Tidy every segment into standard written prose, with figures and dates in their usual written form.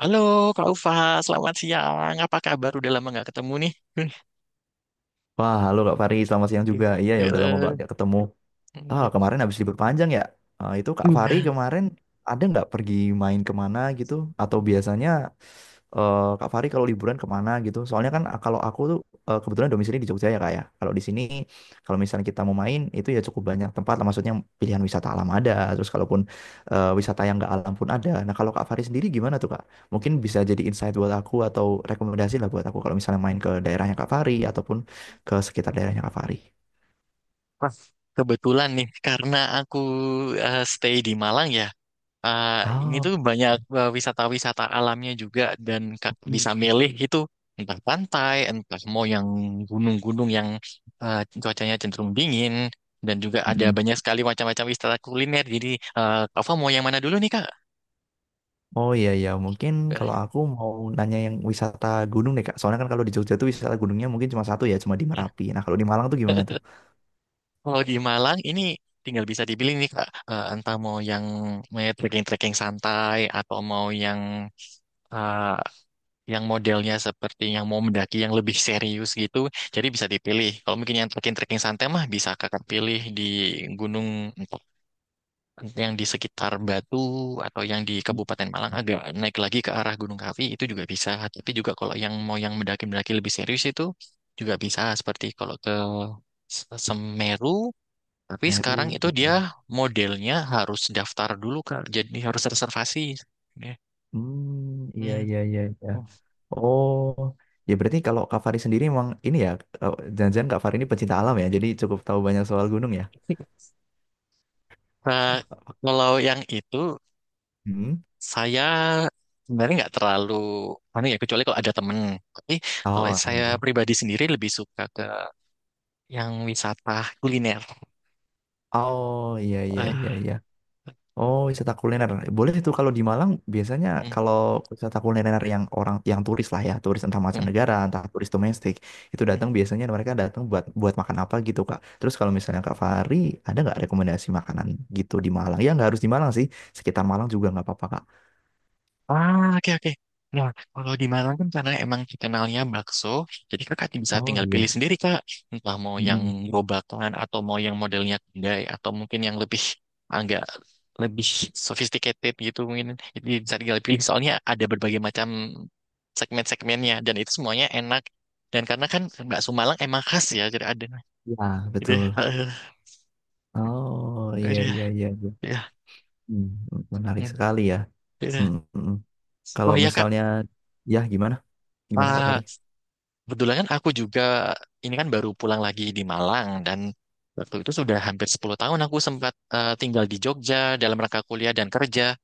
Halo Kak Ufa, selamat siang. Apa kabar? Udah lama nggak ketemu nih. Wah, halo Kak Fari, selamat siang juga. Iya ya, udah lama banget Gila. gak ketemu. Iya. Kemarin habis libur panjang ya. Itu Kak Fari kemarin ada nggak pergi main kemana gitu? Atau biasanya Kak Fari kalau liburan kemana gitu? Soalnya kan kalau aku tuh kebetulan domisili di Jogja ya Kak ya. Kalau di sini kalau misalnya kita mau main itu ya cukup banyak tempat lah. Maksudnya pilihan wisata alam ada. Terus kalaupun wisata yang nggak alam pun ada. Nah kalau Kak Fari sendiri gimana tuh Kak? Mungkin bisa jadi insight buat aku atau rekomendasi lah buat aku kalau misalnya main ke daerahnya Kak Fari ataupun ke sekitar daerahnya Kak Fari. Pas kebetulan nih, karena aku stay di Malang ya. eh, ini Oh. tuh banyak wisata-wisata alamnya juga dan Kak bisa milih itu entah pantai, entah mau yang gunung-gunung yang cuacanya cenderung dingin dan juga ada Mm. banyak sekali macam-macam wisata kuliner. Jadi Kak Ufa mau yang mana dulu nih Kak? Oh iya iya mungkin kalau aku mau nanya yang wisata gunung deh Kak. Soalnya kan kalau di Jogja tuh wisata gunungnya mungkin cuma satu ya, cuma di Merapi. Nah kalau di Malang tuh gimana tuh? Kalau di Malang ini tinggal bisa dipilih nih Kak, entah mau yang mau trekking-trekking santai atau mau yang eh, yang modelnya seperti yang mau mendaki yang lebih serius gitu. Jadi bisa dipilih. Kalau mungkin yang trekking-trekking santai mah bisa Kakak pilih di gunung entah yang di sekitar Batu atau yang di Hmm. Kabupaten Malang agak naik lagi ke arah Gunung Kawi itu juga bisa. Tapi juga kalau yang mau yang mendaki-mendaki lebih serius itu juga bisa seperti kalau ke Semeru, tapi Meru sekarang itu gitu. dia modelnya harus daftar dulu, Kak. Jadi harus reservasi. Ya. Hmm iya Hmm. iya iya iya. Oh. Oh ya berarti kalau Kak Fari sendiri emang ini ya, jangan-jangan Kak Fari ini pecinta alam ya, jadi cukup tahu banyak soal gunung ya. Nah, kalau yang itu Hmm. saya sebenarnya nggak terlalu mana ya, kecuali kalau ada temen. Tapi kalau Oh iya. saya Iya. pribadi sendiri lebih suka ke yang wisata kuliner. Oh iya iya Eh, iya iya. Oh, wisata eh, kuliner. Boleh itu kalau di Malang biasanya hmm, kalau wisata kuliner yang orang yang turis lah ya, turis entah hmm, mancanegara, entah turis domestik, itu hmm. datang biasanya mereka datang buat buat makan apa gitu, Kak. Terus kalau misalnya Kak Fahri, ada nggak rekomendasi makanan gitu di Malang? Ya nggak harus di Malang sih, sekitar Malang juga nggak apa-apa, Kak. Ah, oke, oke. Nah, kalau di Malang kan karena emang terkenalnya bakso, jadi kakak bisa Oh tinggal pilih iya. sendiri, Kak. Entah mau yang Mm-mm. gerobakan, atau mau yang modelnya kedai, atau mungkin yang agak lebih sophisticated gitu mungkin. Jadi bisa tinggal pilih, soalnya ada berbagai macam segmen-segmennya, dan itu semuanya enak. Dan karena kan bakso Malang emang khas ya, jadi ada. Ya, Gitu ya. betul. Oh, iya Aduh, ya. iya iya. Iya. Ya. Hmm, menarik Hmm, sekali ya. gitu ya. Mm, mm, mm. Kalau Oh iya, Kak. misalnya ya gimana? Gimana Kak Ah, Fahri? kebetulan kan aku juga ini kan baru pulang lagi di Malang dan waktu itu sudah hampir 10 tahun aku sempat tinggal di Jogja dalam rangka kuliah dan kerja.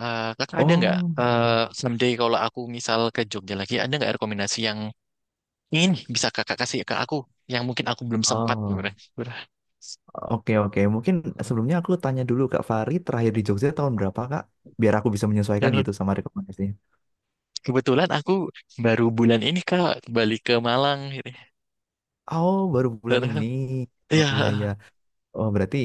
Kakak ada nggak Oh, iya. Iya. someday kalau aku misal ke Jogja lagi ada nggak rekomendasi yang ingin bisa kakak kasih ke aku yang mungkin aku belum sempat gitu Oh. kan. Oke, oke. Mungkin sebelumnya aku tanya dulu Kak Fari, terakhir di Jogja tahun berapa Kak? Biar aku bisa menyesuaikan gitu sama rekomendasinya. Kebetulan aku baru bulan ini Kak balik ke Malang, gitu. Oh, baru bulan ini. Oh iya, Iya. iya. Oh, berarti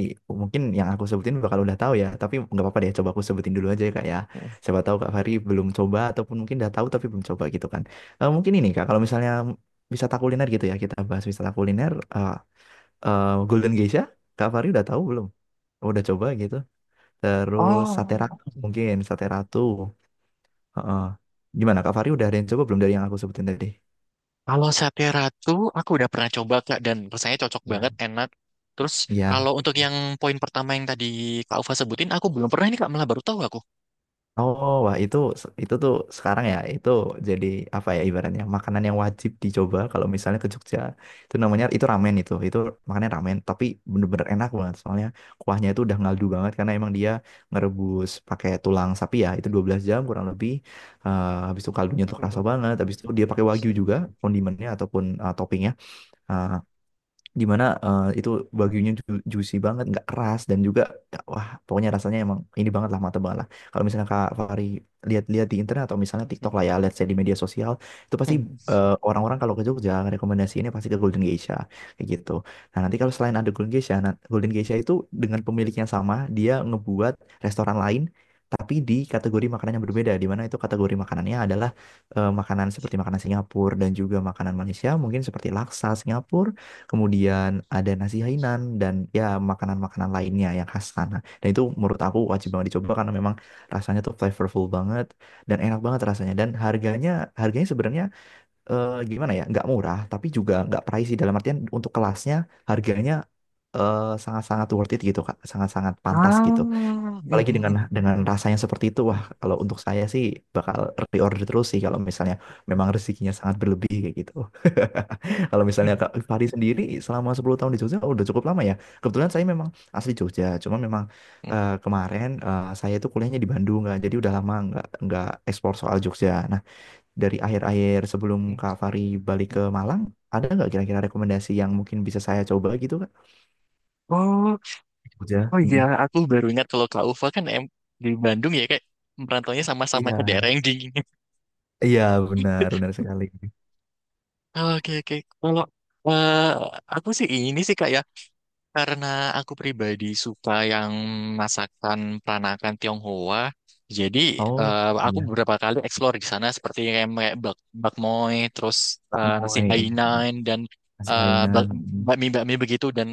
mungkin yang aku sebutin bakal udah tahu ya. Tapi nggak apa-apa deh, coba aku sebutin dulu aja ya Kak ya. Siapa tahu Kak Fari belum coba, ataupun mungkin udah tahu tapi belum coba gitu kan. Mungkin ini Kak, kalau misalnya wisata kuliner gitu ya, kita bahas wisata kuliner. Golden Geisha, Kak Fari udah tahu belum? Udah coba gitu. Terus Sate Oh. Ratu mungkin, Sate Ratu. Heeh. Gimana Kak Fari udah ada yang coba belum dari yang aku sebutin tadi? Kalau Sate Ratu, aku udah pernah coba Kak dan rasanya cocok banget, Ya. enak. Terus kalau Ya. untuk yang poin pertama yang tadi Kak Ufa sebutin, aku belum pernah ini Kak, malah baru tahu aku. Oh, wah itu tuh sekarang ya itu jadi apa ya ibaratnya makanan yang wajib dicoba kalau misalnya ke Jogja. Itu namanya itu ramen itu. Itu makannya ramen tapi bener-bener enak banget soalnya kuahnya itu udah ngaldu banget karena emang dia ngerebus pakai tulang sapi ya. Itu 12 jam kurang lebih. Habis itu kaldunya tuh kerasa Mhm. banget. Habis itu dia pakai wagyu juga kondimennya ataupun toppingnya. Eh, Gimana itu bagunya juicy banget nggak keras dan juga wah pokoknya rasanya emang ini banget lah mata banget lah kalau misalnya Kak Fari lihat-lihat di internet atau misalnya TikTok lah ya let's say di media sosial itu pasti orang-orang kalau ke Jogja rekomendasi ini pasti ke Golden Geisha kayak gitu nah nanti kalau selain ada Golden Geisha nah, Golden Geisha itu dengan pemiliknya sama dia ngebuat restoran lain tapi di kategori makanan yang berbeda di mana itu kategori makanannya adalah makanan seperti makanan Singapura dan juga makanan Malaysia mungkin seperti laksa Singapura. Kemudian ada nasi Hainan dan ya makanan-makanan lainnya yang khas sana. Dan itu menurut aku wajib banget dicoba karena memang rasanya tuh flavorful banget dan enak banget rasanya. Dan harganya harganya sebenarnya gimana ya? Nggak murah tapi juga nggak pricey dalam artian untuk kelasnya harganya sangat-sangat worth it gitu Kak. Sangat-sangat pantas gitu Ah. apalagi dengan rasanya seperti itu wah kalau untuk saya sih bakal reorder terus sih kalau misalnya memang rezekinya sangat berlebih kayak gitu. Kalau misalnya Kak Fahri sendiri selama 10 tahun di Jogja oh, udah cukup lama ya kebetulan saya memang asli Jogja cuma memang kemarin saya itu kuliahnya di Bandung nggak jadi udah lama nggak ekspor soal Jogja nah dari akhir-akhir sebelum Kak Fahri balik ke Malang ada nggak kira-kira rekomendasi yang mungkin bisa saya coba gitu Kak Oh, Jogja. oh iya, Mm-mm. aku baru ingat kalau Kak Ufa kan di Bandung ya, kayak merantaunya sama-sama ke Iya, daerah yang dingin. iya benar, benar sekali. Oke oke. Kalau eh, aku sih ini sih Kak ya. Karena aku pribadi suka yang masakan peranakan Tionghoa, jadi Oh, eh, aku iya. beberapa kali explore di sana seperti kayak bakmoy, terus Pak nasi Moy, iya, iya. Hainan dan Nasi eh, bak, Hainan. Mm, bakmi bakmi begitu dan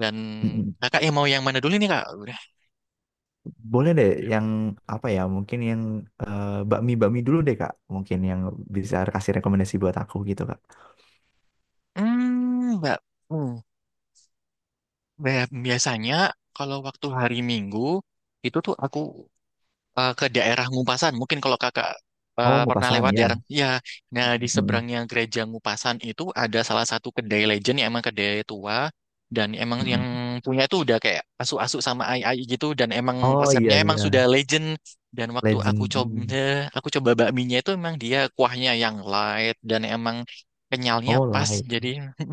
dan mm, mm. kakak yang mau yang mana dulu nih kak? Udah. Boleh deh yang apa ya? Mungkin yang bakmi-bakmi dulu deh, Kak. Mungkin yang bisa kasih rekomendasi buat aku gitu, Kak. Hmm, mbak, hmm, biasanya kalau waktu hari Minggu itu tuh aku ke daerah Ngupasan. Mungkin kalau kakak Oh, pernah ngupasan, lewat iya. daerah, ya, nah di Mm, seberangnya gereja Ngupasan itu ada salah satu kedai legend yang emang kedai tua dan emang mm, yang mm. punya itu udah kayak asu-asu sama ai-ai gitu dan emang Oh, iya, resepnya emang sudah iya. legend, dan waktu aku Legend. coba Mm. aku coba bakminya itu emang dia kuahnya yang light dan emang kenyalnya Oh, pas light. jadi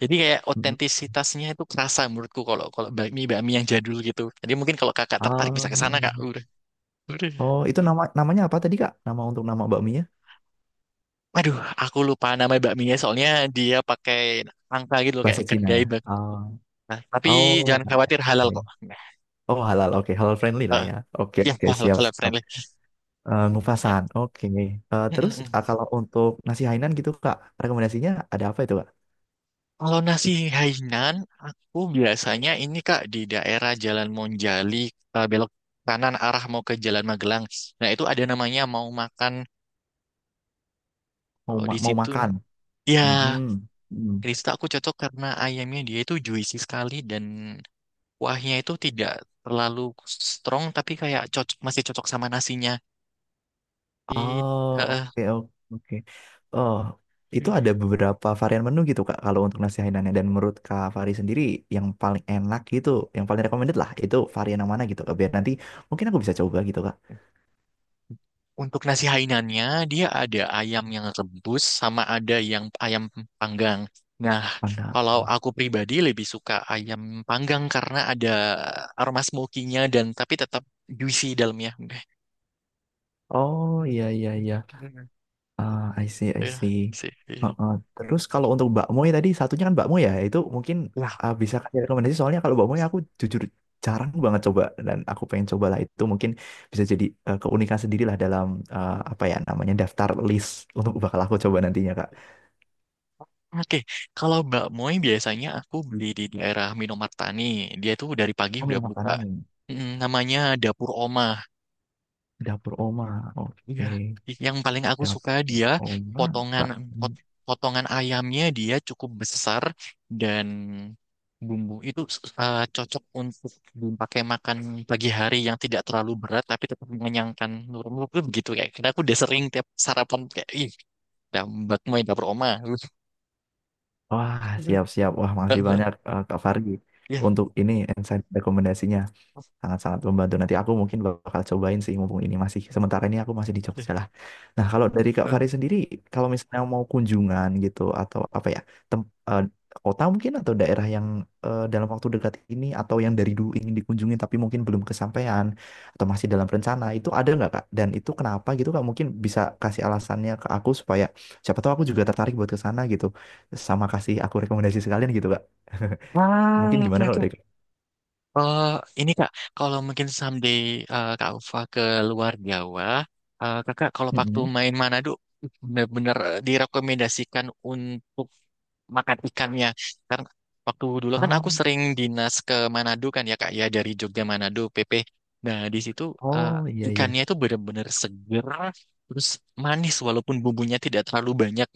jadi kayak Mm, mm. otentisitasnya itu kerasa menurutku kalau kalau bakmi bakmi yang jadul gitu, jadi mungkin kalau kakak tertarik Ah. bisa ke sana Kak. Udah. Oh, itu namanya apa tadi, Kak? Nama untuk nama bakminya? Aduh, aku lupa nama bakminya soalnya dia pakai angka gitu loh, kayak Bahasa Cina kedai ya? bakmi. Ah. Nah, tapi Oh, jangan khawatir, halal oke. kok. Nah, Oh, halal. Oke, halal friendly lah eh, ya. Oke, ya oke, halal, siap. halal Siap. friendly. Ya. Ngupasan, oke. Mm, Terus mm, mm. kalau untuk nasi Hainan gitu kak, rekomendasinya ada apa itu kak? Kalau nasi Hainan, aku biasanya ini Kak di daerah Jalan Monjali belok kanan arah mau ke Jalan Magelang. Nah, itu ada namanya Mau Makan, Mau kalau ma- di mau situ. makan? Ya, Mm-mm. Mm. Krista aku cocok karena ayamnya dia itu juicy sekali dan kuahnya itu tidak terlalu strong tapi kayak cocok, masih cocok sama nasinya. Di Oh eh, oke oke oke. Oh itu ada beberapa varian menu gitu kak kalau untuk nasi Hainannya dan menurut kak Fari sendiri yang paling enak gitu, yang paling recommended lah itu varian yang mana gitu kak? Biar nanti mungkin aku bisa coba gitu kak. untuk nasi Hainannya dia ada ayam yang rebus sama ada yang ayam panggang. Nah, Mana? kalau aku pribadi lebih suka ayam panggang karena ada aroma smoky-nya, dan tapi tetap juicy dalamnya. Oh iya iya iya. I see, I Ya, see. sih. Iya. Heeh. Terus kalau untuk bakmoy tadi satunya kan bakmoy ya, itu mungkin Lah. Bisa kasih rekomendasi soalnya kalau bakmoy aku jujur jarang banget coba dan aku pengen cobalah itu mungkin bisa jadi keunikan sendiri lah dalam apa ya namanya daftar list untuk bakal aku coba nantinya Kak. Oke, kalau Mbak Moy biasanya aku beli di daerah Minomartani. Dia tuh dari pagi Oh, udah minum buka. makanan Mm, namanya Dapur Oma. dapur oma. Iya. Oke, Yang paling aku suka Dapur dia oma. potongan Pak. potongan ayamnya dia cukup besar dan bumbu itu cocok untuk dipakai makan pagi hari yang tidak terlalu berat tapi tetap mengenyangkan, nurun itu begitu kayak. Karena aku udah sering tiap sarapan kayak ih, Mbak Moy Dapur Oma. Wah, siap-siap. Wah, masih banyak Kak Fargi untuk ini insight rekomendasinya. Sangat-sangat membantu. Nanti aku mungkin bakal cobain sih mumpung ini masih sementara ini aku masih di Jogja lah. Nah, kalau dari Kak Ya. Fari sendiri kalau misalnya mau kunjungan gitu atau apa ya, tem eh, kota mungkin atau daerah yang dalam waktu dekat ini atau yang dari dulu ingin dikunjungi tapi mungkin belum kesampaian atau masih dalam rencana, itu ada nggak Kak? Dan itu kenapa gitu Kak? Mungkin bisa kasih alasannya ke aku supaya siapa tahu aku juga tertarik buat ke sana gitu. Sama kasih aku rekomendasi sekalian gitu Kak. Mungkin Ah, oke, gimana kalau oke. dari Kak? Eh, ini Kak, kalau mungkin someday Kak Ufa ke luar Jawa, Kakak kalau waktu Mm-mm. main Manado bener benar direkomendasikan untuk makan ikannya. Karena waktu dulu kan aku Um, sering dinas ke Manado kan ya Kak ya, dari Jogja Manado PP. Nah, di situ eh, Oh iya iya. ikannya itu bener-bener seger, terus manis walaupun bumbunya tidak terlalu banyak.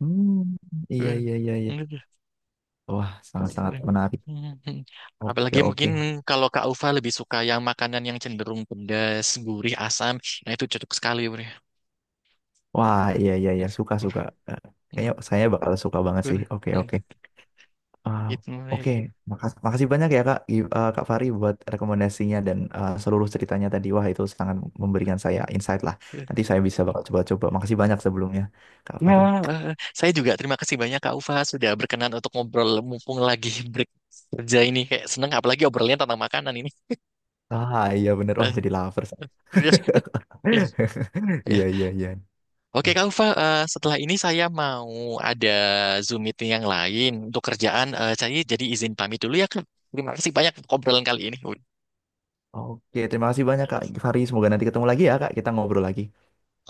Hmm, iya iya iya iya. Wah, sangat-sangat menarik. Mhm. Oke Apalagi oke. mungkin kalau Kak Ufa lebih suka yang makanan yang cenderung pedas, gurih, asam. Nah itu cocok sekali. Bre. Wah, iya iya iya, suka suka. Eh, Kayaknya saya bakal suka banget sih. Oke oke. Ah, Itu. oke, makasih banyak ya Kak Fari buat rekomendasinya dan seluruh ceritanya tadi. Wah, itu sangat memberikan saya insight lah. Nanti saya bisa bakal coba-coba. Makasih banyak sebelumnya Kak Ya, Fari. eh, saya juga terima kasih banyak Kak Ufa sudah berkenan untuk ngobrol mumpung lagi break kerja ini, kayak seneng apalagi obrolannya tentang makanan ini. Iya bener. Wah, Eh, jadi lover saya. Iya Ya. iya iya. Oke, Eh, Kak Ufa, setelah ini saya mau ada Zoom meeting yang lain untuk kerjaan. Saya jadi izin pamit dulu ya, Kak. Terima kasih banyak untuk obrolan kali ini. Oke, terima kasih banyak Kak Fari. Semoga nanti ketemu lagi ya Kak. Kita ngobrol lagi.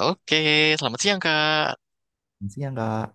Oke, selamat siang, Kak. Siang, Kak.